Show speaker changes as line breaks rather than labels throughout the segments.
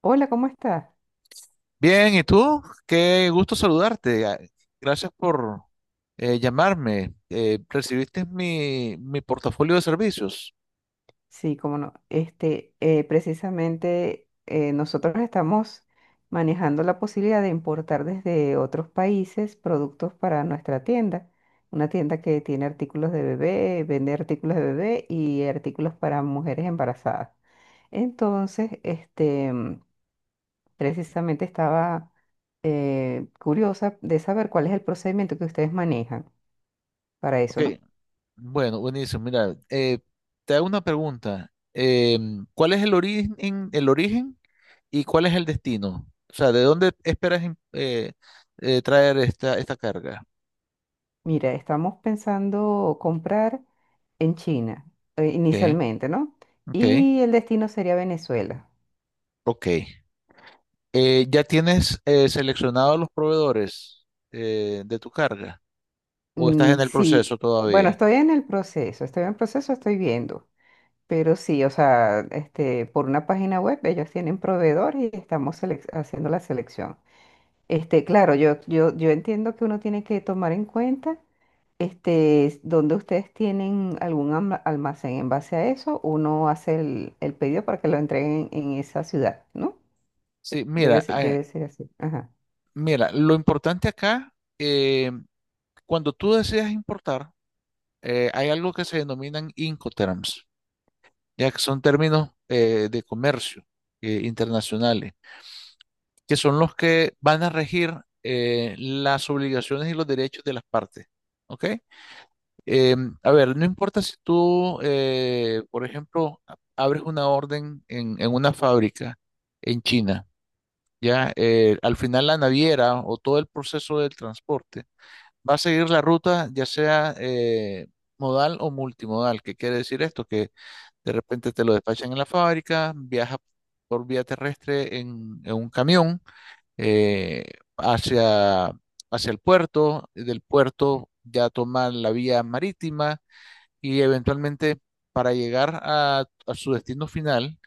Hola, ¿cómo estás?
Bien, ¿y tú? Qué gusto saludarte. Ah, gracias por llamarme. ¿Recibiste mi portafolio de servicios?
Sí, cómo no. Precisamente nosotros estamos manejando la posibilidad de importar desde otros países productos para nuestra tienda. Una tienda que tiene artículos de bebé, vende artículos de bebé y artículos para mujeres embarazadas. Entonces, precisamente estaba curiosa de saber cuál es el procedimiento que ustedes manejan para
Ok,
eso, ¿no?
bueno, buenísimo. Mira, te hago una pregunta. ¿Cuál es el origen y cuál es el destino? O sea, ¿de dónde esperas traer esta carga?
Mira, estamos pensando comprar en China,
Ok,
inicialmente, ¿no?
ok,
Y el destino sería Venezuela.
ok. ¿Ya tienes seleccionados los proveedores de tu carga? ¿O estás
Mm,
en el
sí,
proceso
bueno,
todavía?
estoy en el proceso, estoy en el proceso, estoy viendo. Pero sí, o sea, por una página web ellos tienen proveedor y haciendo la selección. Este, claro, yo entiendo que uno tiene que tomar en cuenta. Este, donde ustedes tienen almacén en base a eso, uno hace el pedido para que lo entreguen en esa ciudad, ¿no?
Sí, mira,
Debe ser así. Ajá.
mira, lo importante acá, cuando tú decides importar, hay algo que se denominan Incoterms, ya que son términos de comercio internacionales, que son los que van a regir las obligaciones y los derechos de las partes. ¿Ok? Eh, a ver, no importa si tú, por ejemplo, abres una orden en una fábrica en China. Ya, al final la naviera o todo el proceso del transporte va a seguir la ruta, ya sea modal o multimodal. ¿Qué quiere decir esto? Que de repente te lo despachan en la fábrica, viaja por vía terrestre en un camión, eh, hacia, hacia el puerto, y del puerto ya toma la vía marítima y eventualmente para llegar a su destino final.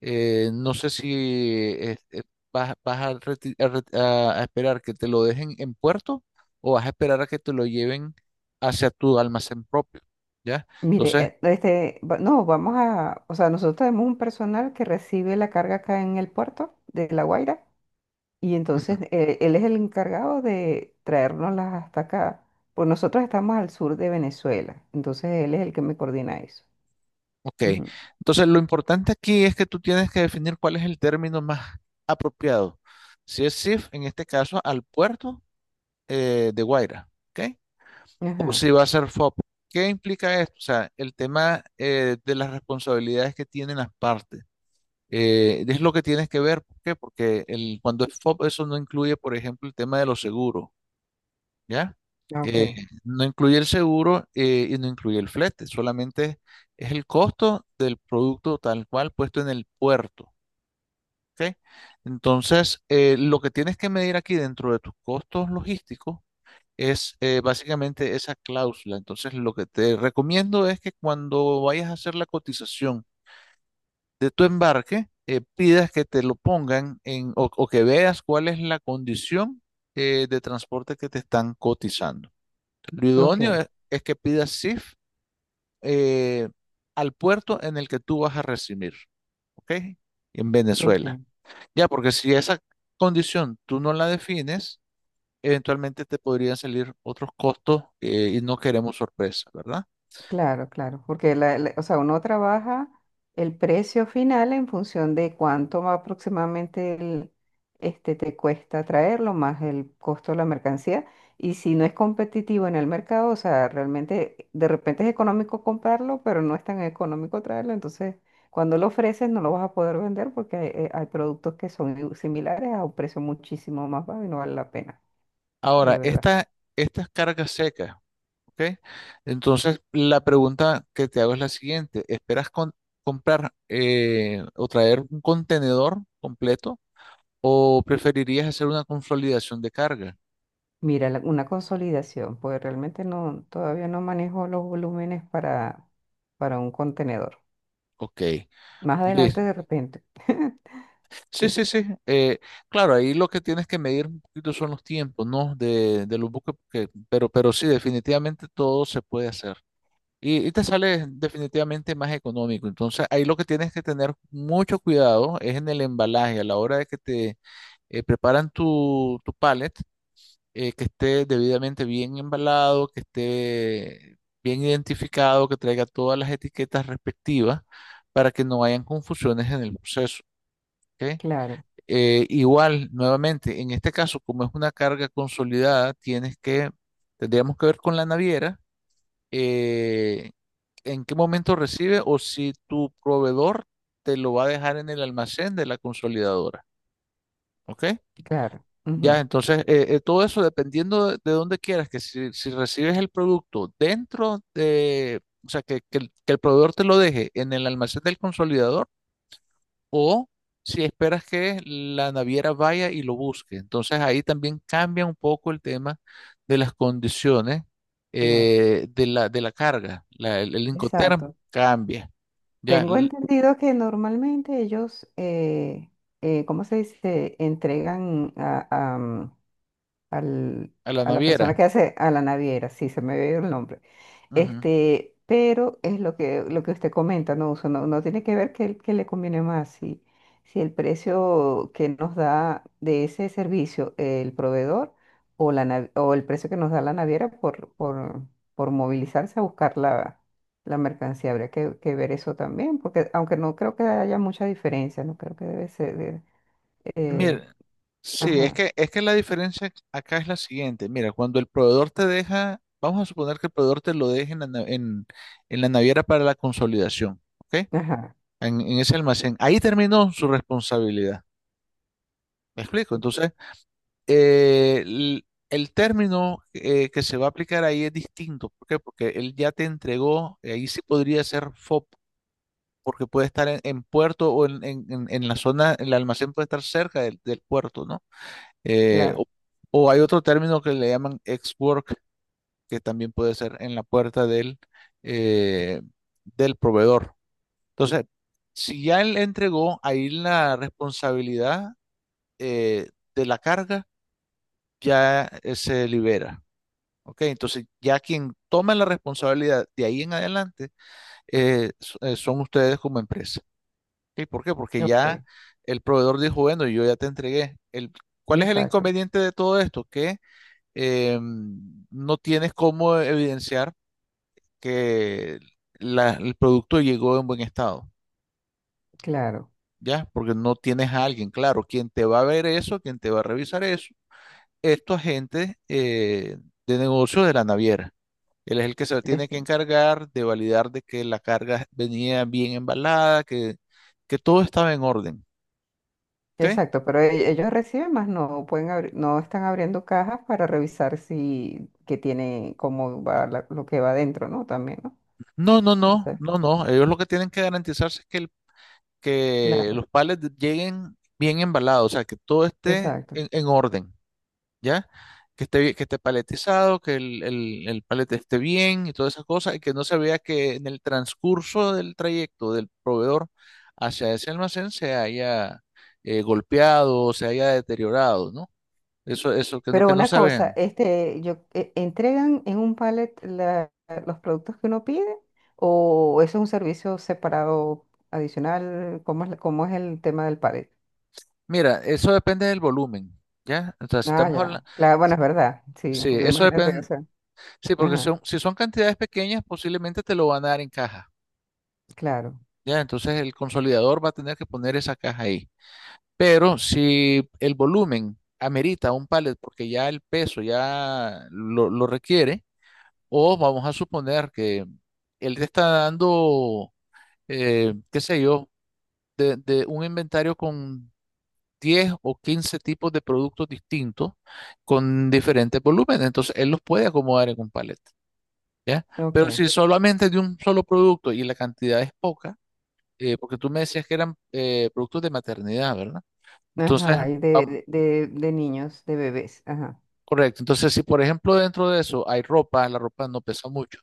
No sé si vas, vas a, a esperar que te lo dejen en puerto o vas a esperar a que te lo lleven hacia tu almacén propio, ¿ya?
Mire,
Entonces,
este, va- no, vamos a, o sea, nosotros tenemos un personal que recibe la carga acá en el puerto de La Guaira y
ujú,
entonces él es el encargado de traérnoslas hasta acá. Pues nosotros estamos al sur de Venezuela, entonces él es el que me coordina eso.
ok.
Ujú.
Entonces, lo importante aquí es que tú tienes que definir cuál es el término más apropiado. Si es SIF, en este caso, al puerto de Guaira, ¿ok? O
Ajá.
si va a ser FOP. ¿Qué implica esto? O sea, el tema de las responsabilidades que tienen las partes. Es lo que tienes que ver, ¿por qué? Porque el, cuando es FOP, eso no incluye, por ejemplo, el tema de los seguros, ¿ya?
Ah, ok,
Eh, no incluye el seguro y no incluye el flete, solamente es el costo del producto tal cual puesto en el puerto, ¿ok? Entonces, lo que tienes que medir aquí dentro de tus costos logísticos es básicamente esa cláusula. Entonces, lo que te recomiendo es que cuando vayas a hacer la cotización de tu embarque, pidas que te lo pongan en, o que veas cuál es la condición de transporte que te están cotizando. Lo
ok,
idóneo es que pidas SIF eh, al puerto en el que tú vas a recibir, ¿ok? En Venezuela.
ok.
Ya, porque si esa condición tú no la defines, eventualmente te podrían salir otros costos y no queremos sorpresa, ¿verdad?
Claro, claro, porque o sea, uno trabaja el precio final en función de cuánto va aproximadamente te cuesta traerlo, más el costo de la mercancía. Y si no es competitivo en el mercado, o sea, realmente de repente es económico comprarlo, pero no es tan económico traerlo. Entonces, cuando lo ofreces, no lo vas a poder vender porque hay productos que son similares a un precio muchísimo más bajo y no vale la pena, de
Ahora,
verdad.
esta, estas cargas secas, ¿ok? Entonces, la pregunta que te hago es la siguiente. ¿Esperas comprar o traer un contenedor completo o preferirías hacer una consolidación de carga?
Mira, una consolidación, pues realmente no, todavía no manejo los volúmenes para un contenedor.
Ok,
Más adelante
listo.
de repente.
Sí,
Sí,
sí, sí. Claro, ahí lo que tienes que medir un poquito son los tiempos, ¿no? De los buques, porque, pero sí, definitivamente todo se puede hacer. Y te sale definitivamente más económico. Entonces, ahí lo que tienes que tener mucho cuidado es en el embalaje, a la hora de que te preparan tu pallet, que esté debidamente bien embalado, que esté bien identificado, que traiga todas las etiquetas respectivas para que no hayan confusiones en el proceso. ¿Ok?
claro,
Igual, nuevamente, en este caso, como es una carga consolidada, tendríamos que ver con la naviera eh, en qué momento recibe o si tu proveedor te lo va a dejar en el almacén de la consolidadora. ¿Ok?
claro,
Ya,
ujú,
entonces, todo eso dependiendo de dónde quieras, que si, si recibes el producto dentro de, o sea, que el proveedor te lo deje en el almacén del consolidador o si esperas que la naviera vaya y lo busque. Entonces ahí también cambia un poco el tema de las condiciones
claro,
de la carga. El Incoterm
exacto.
cambia ya
Tengo
l-
entendido que normalmente ellos, ¿cómo se dice? Al-
a la
a la
naviera.
persona que hace a la naviera, sí, se me ve el nombre.
Ujú.
Este, pero es lo que usted comenta, ¿no? Uso, no, no tiene que ver qué le conviene más. Si, si el precio que nos da de ese servicio el proveedor o el precio que nos da la naviera por movilizarse a buscar la mercancía. Habría que ver eso también, porque aunque no creo que haya mucha diferencia, no creo que debe sereh,
Mira, sí,
ajá,
es que la diferencia acá es la siguiente. Mira, cuando el proveedor te deja, vamos a suponer que el proveedor te lo deje en la, en la naviera para la consolidación, ¿ok?
ajá,
En ese almacén. Ahí terminó su responsabilidad. ¿Me explico? Entonces, el término que se va a aplicar ahí es distinto. ¿Por qué? Porque él ya te entregó, ahí sí podría ser FOB, porque puede estar en puerto o en, en la zona, el almacén puede estar cerca del, del puerto, ¿no? Eh, o,
claro.
o hay otro término que le llaman ex-work, que también puede ser en la puerta del, eh, del proveedor. Entonces, si ya él entregó ahí la responsabilidad eh, de la carga, ya se libera. ¿Ok? Entonces, ya quien toma la responsabilidad de ahí en adelante son ustedes como empresa. ¿Ok? ¿Por qué? Porque ya
Ok.
el proveedor dijo, bueno, yo ya te entregué. El, ¿cuál es el
Exacto,
inconveniente de todo esto? Que no tienes cómo evidenciar que el producto llegó en buen estado,
claro.
¿ya? Porque no tienes a alguien, claro, quien te va a ver eso, quien te va a revisar eso, estos agentes de negocios de la naviera. Él es el que se tiene
es-
que encargar de validar de que la carga venía bien embalada, que todo estaba en orden. ¿Ok?
exacto, pero ellos reciben más, no pueden abrir, no están abriendo cajas para revisar si que tiene cómo va lo que va adentro, ¿no? También, ¿no?
No, no, no,
Esa-
no, no. Ellos lo que tienen que garantizarse es que, que
claro,
los palets lleguen bien embalados, o sea, que todo esté
exacto.
en orden, ¿ya? Que esté, que esté paletizado, que el palet esté bien y todas esas cosas, y que no se vea que en el transcurso del trayecto del proveedor hacia ese almacén se haya golpeado, se haya deteriorado, ¿no? Eso,
Pero
que no
una
se
cosa,
ven.
este, entregan en un pallet los productos que uno pide o eso es un servicio separado adicional, ¿cómo es, cómo es el tema del pallet?
Mira, eso depende del volumen, ¿ya? O si
Ah,
estamos hablando,
ya. Claro, bueno, es verdad. Sí,
sí,
porque
eso
imagínate, o
depende,
sea,
sí, porque
ajá,
son, si son cantidades pequeñas, posiblemente te lo van a dar en caja,
claro.
¿ya? Entonces el consolidador va a tener que poner esa caja ahí. Pero si el volumen amerita un pallet porque ya el peso ya lo requiere, o vamos a suponer que él te está dando, qué sé yo, de un inventario con 10 o 15 tipos de productos distintos con diferentes volúmenes. Entonces, él los puede acomodar en un palet, ¿ya? Pero
Ok.
si solamente es de un solo producto y la cantidad es poca, porque tú me decías que eran productos de maternidad, ¿verdad? Entonces,
Ajá, y de,
vam-
de, de- de niños, de bebés, ajá,
correcto. Entonces, si por ejemplo dentro de eso hay ropa, la ropa no pesa mucho.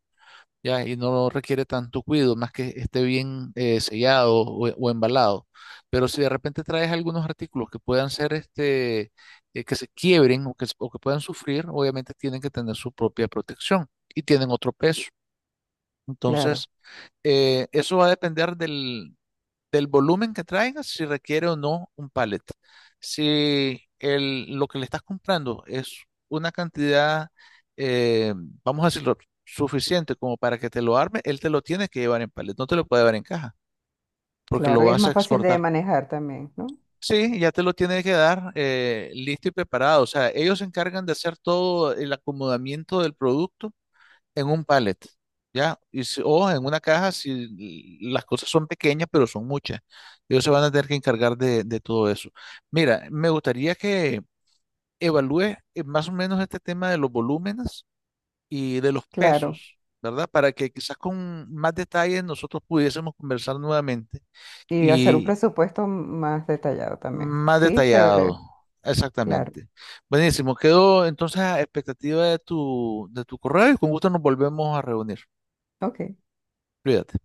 Ya, y no requiere tanto cuidado, más que esté bien sellado o embalado. Pero si de repente traes algunos artículos que puedan ser este, que se quiebren o que, o que puedan sufrir, obviamente tienen que tener su propia protección y tienen otro peso.
claro,
Entonces, eso va a depender del, del volumen que traigas, si requiere o no un pallet. Si el, lo que le estás comprando es una cantidad, eh, vamos a decirlo, suficiente como para que te lo arme, él te lo tiene que llevar en pallet, no te lo puede llevar en caja, porque lo
claro, y es
vas a
más fácil de
exportar.
manejar también, ¿no?
Sí, ya te lo tiene que dar listo y preparado. O sea, ellos se encargan de hacer todo el acomodamiento del producto en un pallet, ¿ya? O en una caja si las cosas son pequeñas, pero son muchas. Ellos se van a tener que encargar de todo eso. Mira, me gustaría que evalúes más o menos este tema de los volúmenes y de los
Claro,
pesos, ¿verdad? Para que quizás con más detalles nosotros pudiésemos conversar nuevamente
y hacer un
y
presupuesto más detallado también.
más
Sí, chévere,
detallado.
claro,
Exactamente. Buenísimo. Quedo entonces a expectativa de de tu correo y con gusto nos volvemos a reunir.
ok.
Cuídate.